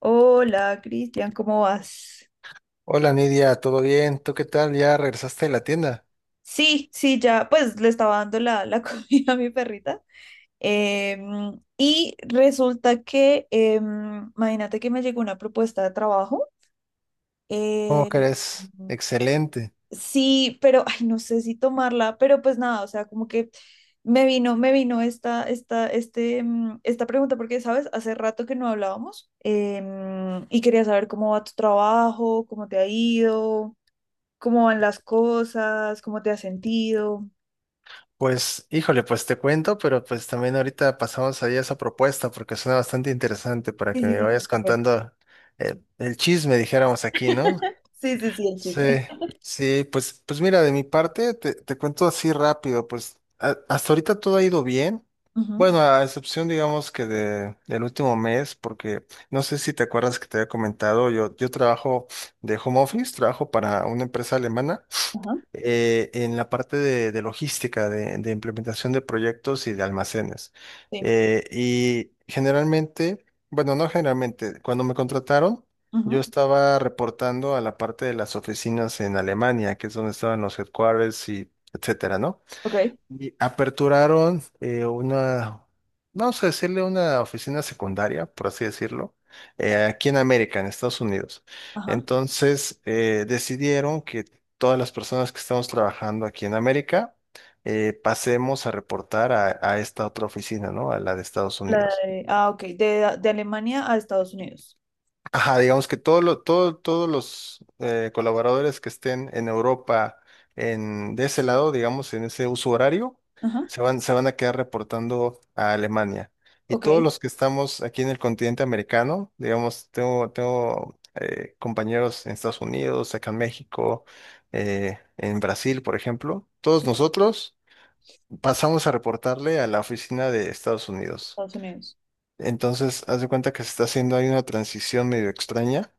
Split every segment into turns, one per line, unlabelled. Hola, Cristian, ¿cómo vas?
Hola Nidia, ¿todo bien? ¿Tú qué tal? ¿Ya regresaste de la tienda?
Sí, sí, ya, pues le estaba dando la comida a mi perrita. Y resulta que, imagínate que me llegó una propuesta de trabajo.
¿Cómo
eh,
crees? Excelente.
sí, pero, ay, no sé si tomarla, pero pues nada, o sea, como que me vino esta pregunta porque, ¿sabes? Hace rato que no hablábamos, y quería saber cómo va tu trabajo, cómo te ha ido, cómo van las cosas, cómo te has sentido.
Pues, híjole, pues te cuento, pero pues también ahorita pasamos ahí a esa propuesta porque suena bastante interesante para
Sí,
que
sí,
me
sí, ya
vayas
me acuerdo.
contando el chisme, dijéramos aquí, ¿no?
Sí, sí, sí, el chisme.
Sí, sí, pues mira, de mi parte te cuento así rápido, hasta ahorita todo ha ido bien.
Ujú.
Bueno, a excepción, digamos que del último mes, porque no sé si te acuerdas que te había comentado, yo trabajo de home office, trabajo para una empresa alemana
Ajá,
en la parte de logística, de implementación de proyectos y de almacenes.
sí.
Y generalmente, bueno, no generalmente, cuando me contrataron, yo
Ujú.
estaba reportando a la parte de las oficinas en Alemania, que es donde estaban los headquarters y etcétera, ¿no?
Ok,
Y aperturaron vamos a decirle una oficina secundaria, por así decirlo, aquí en América, en Estados Unidos.
ajá.
Entonces, decidieron que todas las personas que estamos trabajando aquí en América, pasemos a reportar a esta otra oficina, ¿no? A la de Estados Unidos.
Ah, ok, de Alemania a Estados Unidos.
Ajá, digamos que todos los colaboradores que estén en Europa, de ese lado, digamos, en ese uso horario,
Ajá,
se van a quedar reportando a Alemania. Y
ok,
todos los que estamos aquí en el continente americano, digamos, tengo compañeros en Estados Unidos, acá en México, en Brasil, por ejemplo, todos
sí,
nosotros pasamos a reportarle a la oficina de Estados Unidos.
Estados Unidos.
Entonces, haz de cuenta que se está haciendo ahí una transición medio extraña,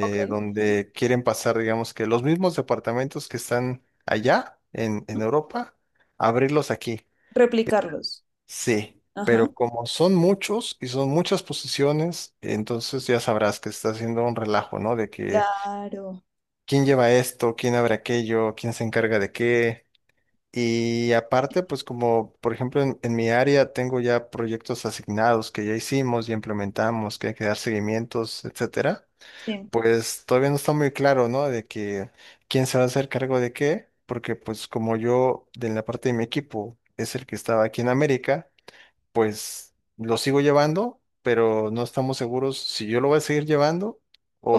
Ok.
donde quieren pasar, digamos que los mismos departamentos que están allá en
Ujú.
Europa, abrirlos aquí.
Replicarlos.
Sí,
Ajá,
pero como son muchos y son muchas posiciones, entonces ya sabrás que está haciendo un relajo, ¿no? De que
claro,
quién lleva esto, quién abre aquello, quién se encarga de qué. Y aparte, pues como por ejemplo en mi área tengo ya proyectos asignados que ya hicimos y implementamos, que hay que dar seguimientos, etcétera,
sí.
pues todavía no está muy claro, ¿no? De que quién se va a hacer cargo de qué, porque pues como yo de la parte de mi equipo es el que estaba aquí en América, pues lo sigo llevando, pero no estamos seguros si yo lo voy a seguir llevando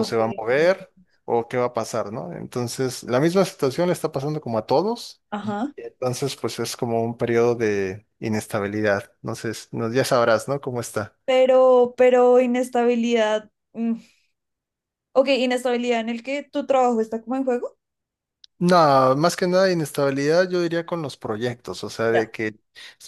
O
se va a
sí.
mover o qué va a pasar, ¿no? Entonces, la misma situación le está pasando como a todos,
Ajá,
entonces, pues es como un periodo de inestabilidad. Entonces, no, ya sabrás, ¿no? Cómo está.
pero inestabilidad. Ok, inestabilidad en el que tu trabajo está como en juego.
No, más que nada inestabilidad, yo diría con los proyectos, o sea, de
Ya.
que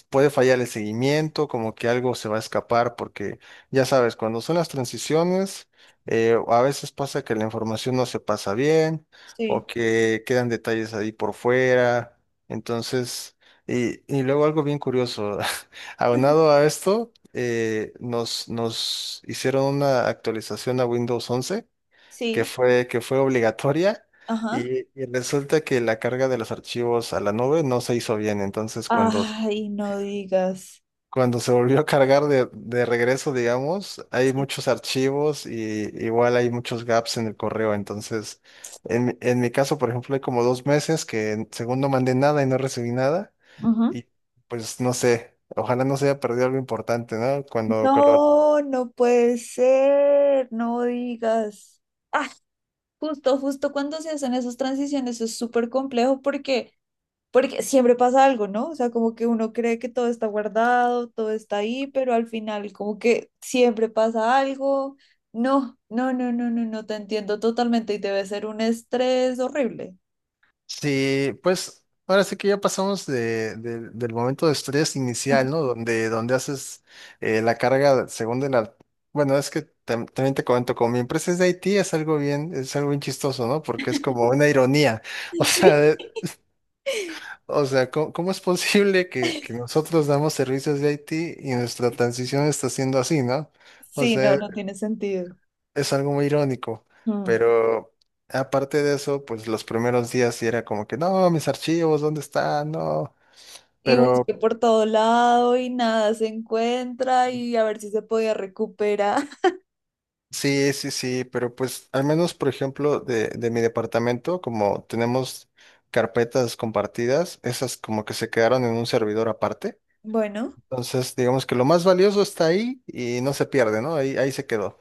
puede fallar el seguimiento, como que algo se va a escapar, porque ya sabes, cuando son las transiciones, a veces pasa que la información no se pasa bien
Sí,
o que quedan detalles ahí por fuera, entonces, y luego algo bien curioso, aunado a esto, nos hicieron una actualización a Windows 11 que
sí,
fue, que fue obligatoria
ajá.
y resulta que la carga de los archivos a la nube no se hizo bien. Entonces, cuando,
Ay, no digas.
cuando se volvió a cargar de regreso, digamos, hay
Sí.
muchos archivos y igual hay muchos gaps en el correo. Entonces, en mi caso, por ejemplo, hay como dos meses que según no mandé nada y no recibí nada
Ujú.
y pues no sé. Ojalá no se haya perdido algo importante, ¿no? Cuando.
No, no puede ser, no digas. Ah, justo, justo cuando se hacen esas transiciones es súper complejo porque, porque siempre pasa algo, ¿no? O sea, como que uno cree que todo está guardado, todo está ahí, pero al final como que siempre pasa algo. No, no, no, no, no, no, te entiendo totalmente y debe ser un estrés horrible.
Sí, pues ahora sí que ya pasamos del momento de estrés inicial, ¿no? Donde, donde haces la carga según de la... Bueno, es que también te comento, como mi empresa es de Haití, es algo bien chistoso, ¿no? Porque es como una ironía. O sea,
Sí.
¿cómo, cómo es posible que nosotros damos servicios de Haití y nuestra transición está siendo así, ¿no? O
Sí, no,
sea,
no tiene sentido.
es algo muy irónico, pero aparte de eso, pues los primeros días sí era como que, no, mis archivos, ¿dónde están? No,
Y
pero
busqué por todo lado y nada se encuentra y a ver si se podía recuperar.
sí, sí, sí, pero pues al menos, por ejemplo, de mi departamento, como tenemos carpetas compartidas, esas como que se quedaron en un servidor aparte.
Bueno,
Entonces, digamos que lo más valioso está ahí y no se pierde, ¿no? Ahí se quedó.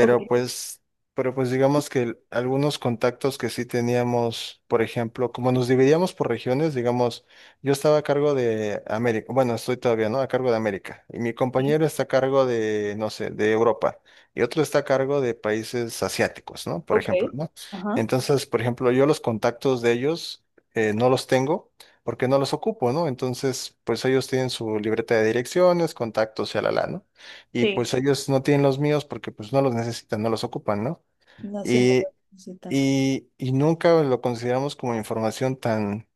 ok,
pues, pero pues digamos que algunos contactos que sí teníamos, por ejemplo, como nos dividíamos por regiones, digamos, yo estaba a cargo de América, bueno, estoy todavía, ¿no? A cargo de América. Y mi
sí,
compañero está a cargo de, no sé, de Europa. Y otro está a cargo de países asiáticos, ¿no? Por
ok,
ejemplo, ¿no?
ajá,
Entonces, por ejemplo, yo los contactos de ellos no los tengo porque no los ocupo, ¿no? Entonces, pues ellos tienen su libreta de direcciones, contactos, ¿no? Y
sí,
pues ellos no tienen los míos porque pues no los necesitan, no los ocupan, ¿no?
no, sí, no
Y,
es tan,
y nunca lo consideramos como información tan,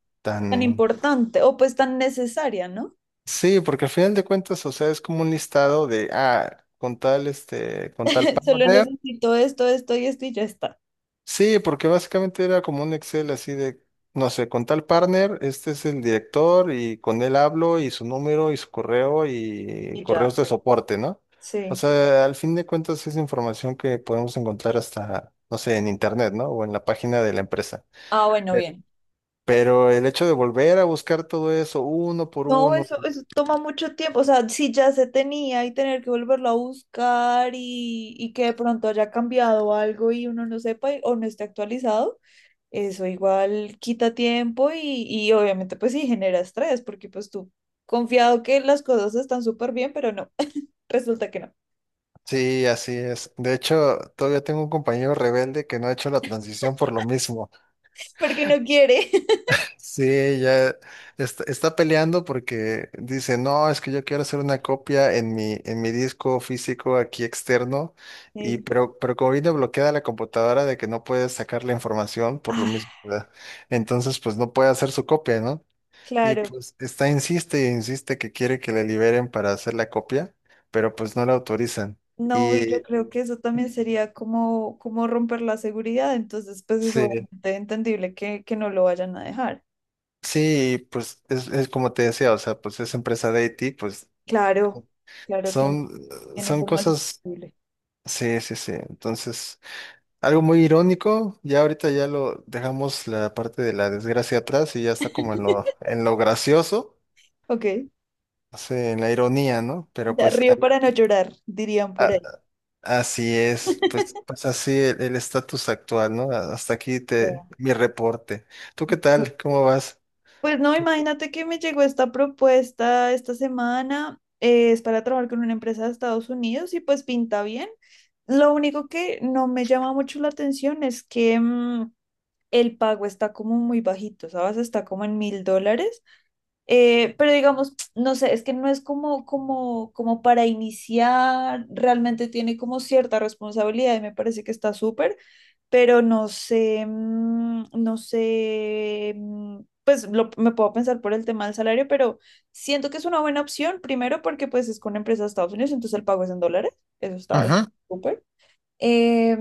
tan
tan...
importante o pues tan necesaria, ¿no?
Sí, porque al final de cuentas, o sea, es como un listado de, con tal, con tal pago.
Solo necesito esto, esto y esto y ya está.
Sí, porque básicamente era como un Excel así de, no sé, con tal partner, este es el director y con él hablo y su número y su correo y
Y
correos
ya,
de soporte, ¿no? O
sí.
sea, al fin de cuentas es información que podemos encontrar hasta, no sé, en internet, ¿no? O en la página de la empresa.
Ah, bueno,
Eh,
bien.
Pero el hecho de volver a buscar todo eso uno por
No,
uno,
eso toma mucho tiempo. O sea, si ya se tenía y tener que volverlo a buscar y que de pronto haya cambiado algo y uno no sepa o no esté actualizado. Eso igual quita tiempo y obviamente pues sí genera estrés, porque pues tú confiado que las cosas están súper bien, pero no, resulta que no,
sí, así es. De hecho, todavía tengo un compañero rebelde que no ha hecho la transición por lo mismo.
porque no quiere.
Sí, ya está peleando porque dice, no, es que yo quiero hacer una copia en mi disco físico aquí externo,
Sí.
y pero como viene bloqueada la computadora de que no puede sacar la información por lo
Ah,
mismo, ¿verdad? Entonces pues no puede hacer su copia, ¿no? Y
claro.
pues insiste y insiste que quiere que le liberen para hacer la copia, pero pues no la autorizan.
No, y yo
Y
creo que eso también sería como, como romper la seguridad, entonces pues es
sí,
obviamente entendible que no lo vayan a dejar.
sí, pues es como te decía, o sea, pues es empresa de IT, pues
Claro, claro, tiene,
son
tiene
son
información
cosas.
sensible.
Sí, sí, sí. Entonces, algo muy irónico, ya ahorita ya lo dejamos la parte de la desgracia atrás y ya está como en lo gracioso,
Ok,
sí, en la ironía, ¿no? Pero
ya
pues
río para no llorar, dirían por
a-
ahí.
así es, pues, pues así el estatus actual, ¿no? Hasta aquí
Ya.
mi reporte. ¿Tú qué tal? ¿Cómo vas?
Pues no, imagínate que me llegó esta propuesta esta semana, es para trabajar con una empresa de Estados Unidos y pues pinta bien. Lo único que no me llama mucho la atención es que el pago está como muy bajito, ¿sabes? Está como en mil dólares. Pero digamos, no sé, es que no es como, como, como para iniciar, realmente tiene como cierta responsabilidad y me parece que está súper, pero no sé, no sé, pues me puedo pensar por el tema del salario, pero siento que es una buena opción, primero porque pues es con una empresa de Estados Unidos, entonces el pago es en dólares, eso está
Ujú,
súper.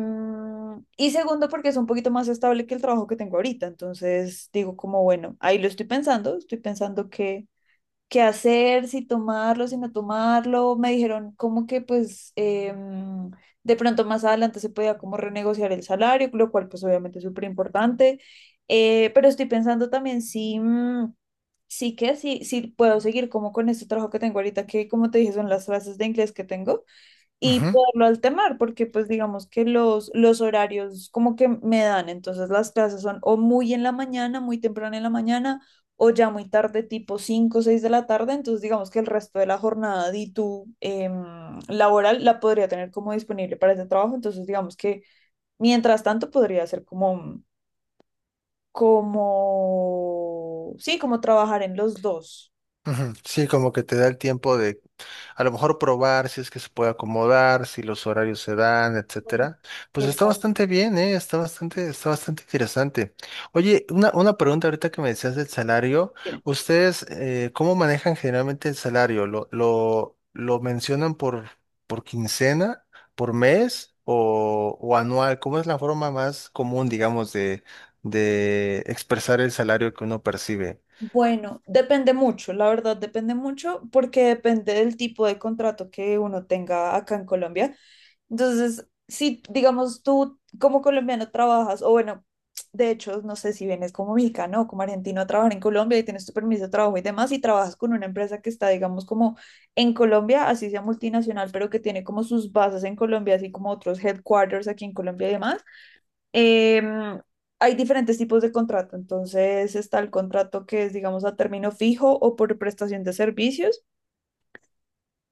Y segundo, porque es un poquito más estable que el trabajo que tengo ahorita. Entonces digo como, bueno, ahí lo estoy pensando que qué hacer, si tomarlo, si no tomarlo. Me dijeron como que pues, de pronto más adelante se podía como renegociar el salario, lo cual pues obviamente es súper importante. Pero estoy pensando también si, sí que, si, si puedo seguir como con este trabajo que tengo ahorita, que como te dije son las clases de inglés que tengo y
ujú,
poderlo alternar, porque pues digamos que los horarios como que me dan, entonces las clases son o muy en la mañana, muy temprano en la mañana, o ya muy tarde, tipo 5 o 6 de la tarde, entonces digamos que el resto de la jornada de tu laboral la podría tener como disponible para ese trabajo, entonces digamos que mientras tanto podría ser como, como, sí, como trabajar en los dos.
ujú. Sí, como que te da el tiempo de a lo mejor probar si es que se puede acomodar, si los horarios se dan,
Ujú.
etcétera. Pues está
Exacto.
bastante bien, ¿eh? Está bastante interesante. Oye, una pregunta ahorita que me decías del salario.
Dime.
¿Ustedes cómo manejan generalmente el salario? ¿Lo mencionan por quincena, por mes o anual? ¿Cómo es la forma más común, digamos, de expresar el salario que uno percibe?
Bueno, depende mucho, la verdad depende mucho porque depende del tipo de contrato que uno tenga acá en Colombia. Entonces, si digamos tú como colombiano trabajas, o bueno, de hecho, no sé si vienes como mexicano o como argentino a trabajar en Colombia y tienes tu permiso de trabajo y demás, y trabajas con una empresa que está, digamos, como en Colombia, así sea multinacional, pero que tiene como sus bases en Colombia, así como otros headquarters aquí en Colombia y demás. Em, Hay diferentes tipos de contrato, entonces está el contrato que es, digamos, a término fijo o por prestación de servicios.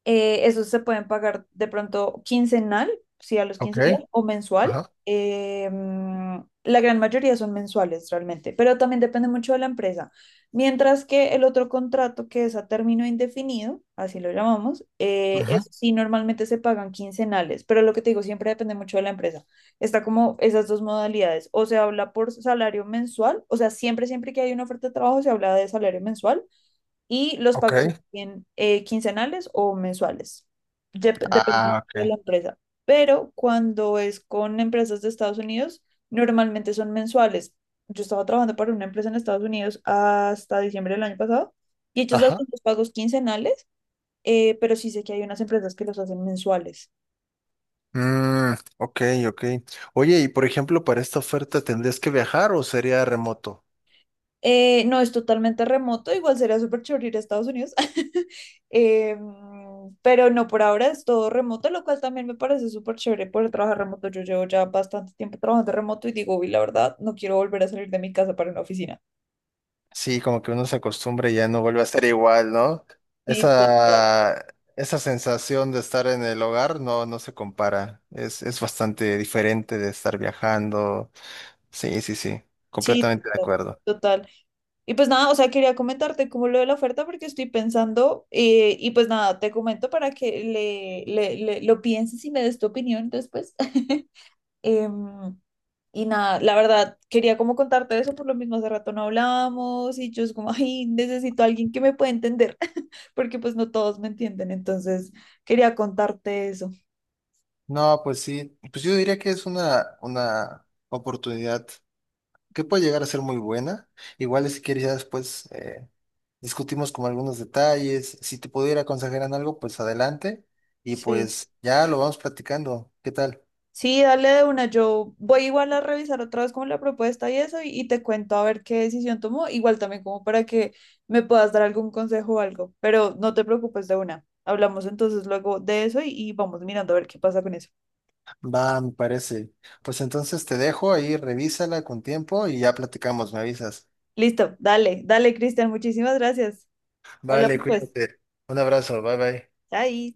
Esos se pueden pagar de pronto quincenal, sí, a los
Ok,
15 días, o mensual.
ajá,
La gran mayoría son mensuales realmente, pero también depende mucho de la empresa. Mientras que el otro contrato, que es a término indefinido, así lo llamamos,
ujú,
eso sí, normalmente se pagan quincenales, pero lo que te digo, siempre depende mucho de la empresa. Está como esas dos modalidades, o se habla por salario mensual, o sea, siempre, siempre que hay una oferta de trabajo se habla de salario mensual y los
ok.
pagos serían, quincenales o mensuales, dependiendo
Ah,
de la
ok.
empresa. Pero cuando es con empresas de Estados Unidos, normalmente son mensuales. Yo estaba trabajando para una empresa en Estados Unidos hasta diciembre del año pasado y ellos
Ajá.
hacen los pagos quincenales, pero sí sé que hay unas empresas que los hacen mensuales.
Mm, ok, ok. Oye, y por ejemplo, para esta oferta, ¿tendrías que viajar o sería remoto?
No, es totalmente remoto, igual sería súper chévere ir a Estados Unidos. Pero no, por ahora es todo remoto, lo cual también me parece súper chévere poder trabajar remoto. Yo llevo ya bastante tiempo trabajando remoto y digo, uy, la verdad, no quiero volver a salir de mi casa para una oficina.
Sí, como que uno se acostumbra y ya no vuelve a ser igual, ¿no?
Sí, total,
Esa, esa sensación de estar en el hogar no se compara. Es bastante diferente de estar viajando. Sí, sí, sí.
sí,
Completamente de
total.
acuerdo.
Total. Y pues nada, o sea, quería comentarte como lo de la oferta porque estoy pensando, y pues nada, te comento para que lo pienses y me des tu opinión después. Em, Y nada, la verdad, quería como contarte eso, por lo mismo hace rato no hablábamos y yo es como, ay, necesito a alguien que me pueda entender, porque pues no todos me entienden, entonces quería contarte eso.
No, pues sí. Pues yo diría que es una oportunidad que puede llegar a ser muy buena. Igual si quieres ya después discutimos como algunos detalles. Si te pudiera aconsejar en algo, pues adelante. Y
Sí,
pues ya lo vamos platicando. ¿Qué tal?
sí, dale de una, yo voy igual a revisar otra vez como la propuesta y eso y te cuento a ver qué decisión tomó, igual también como para que me puedas dar algún consejo o algo, pero no te preocupes de una, hablamos entonces luego de eso y vamos mirando a ver qué pasa con eso.
Va, me parece. Pues entonces te dejo ahí, revísala con tiempo y ya platicamos, me avisas.
Listo, dale, dale, Cristian, muchísimas gracias.
Vale,
Hablamos pues.
cuídate. Un abrazo, bye bye.
Chai.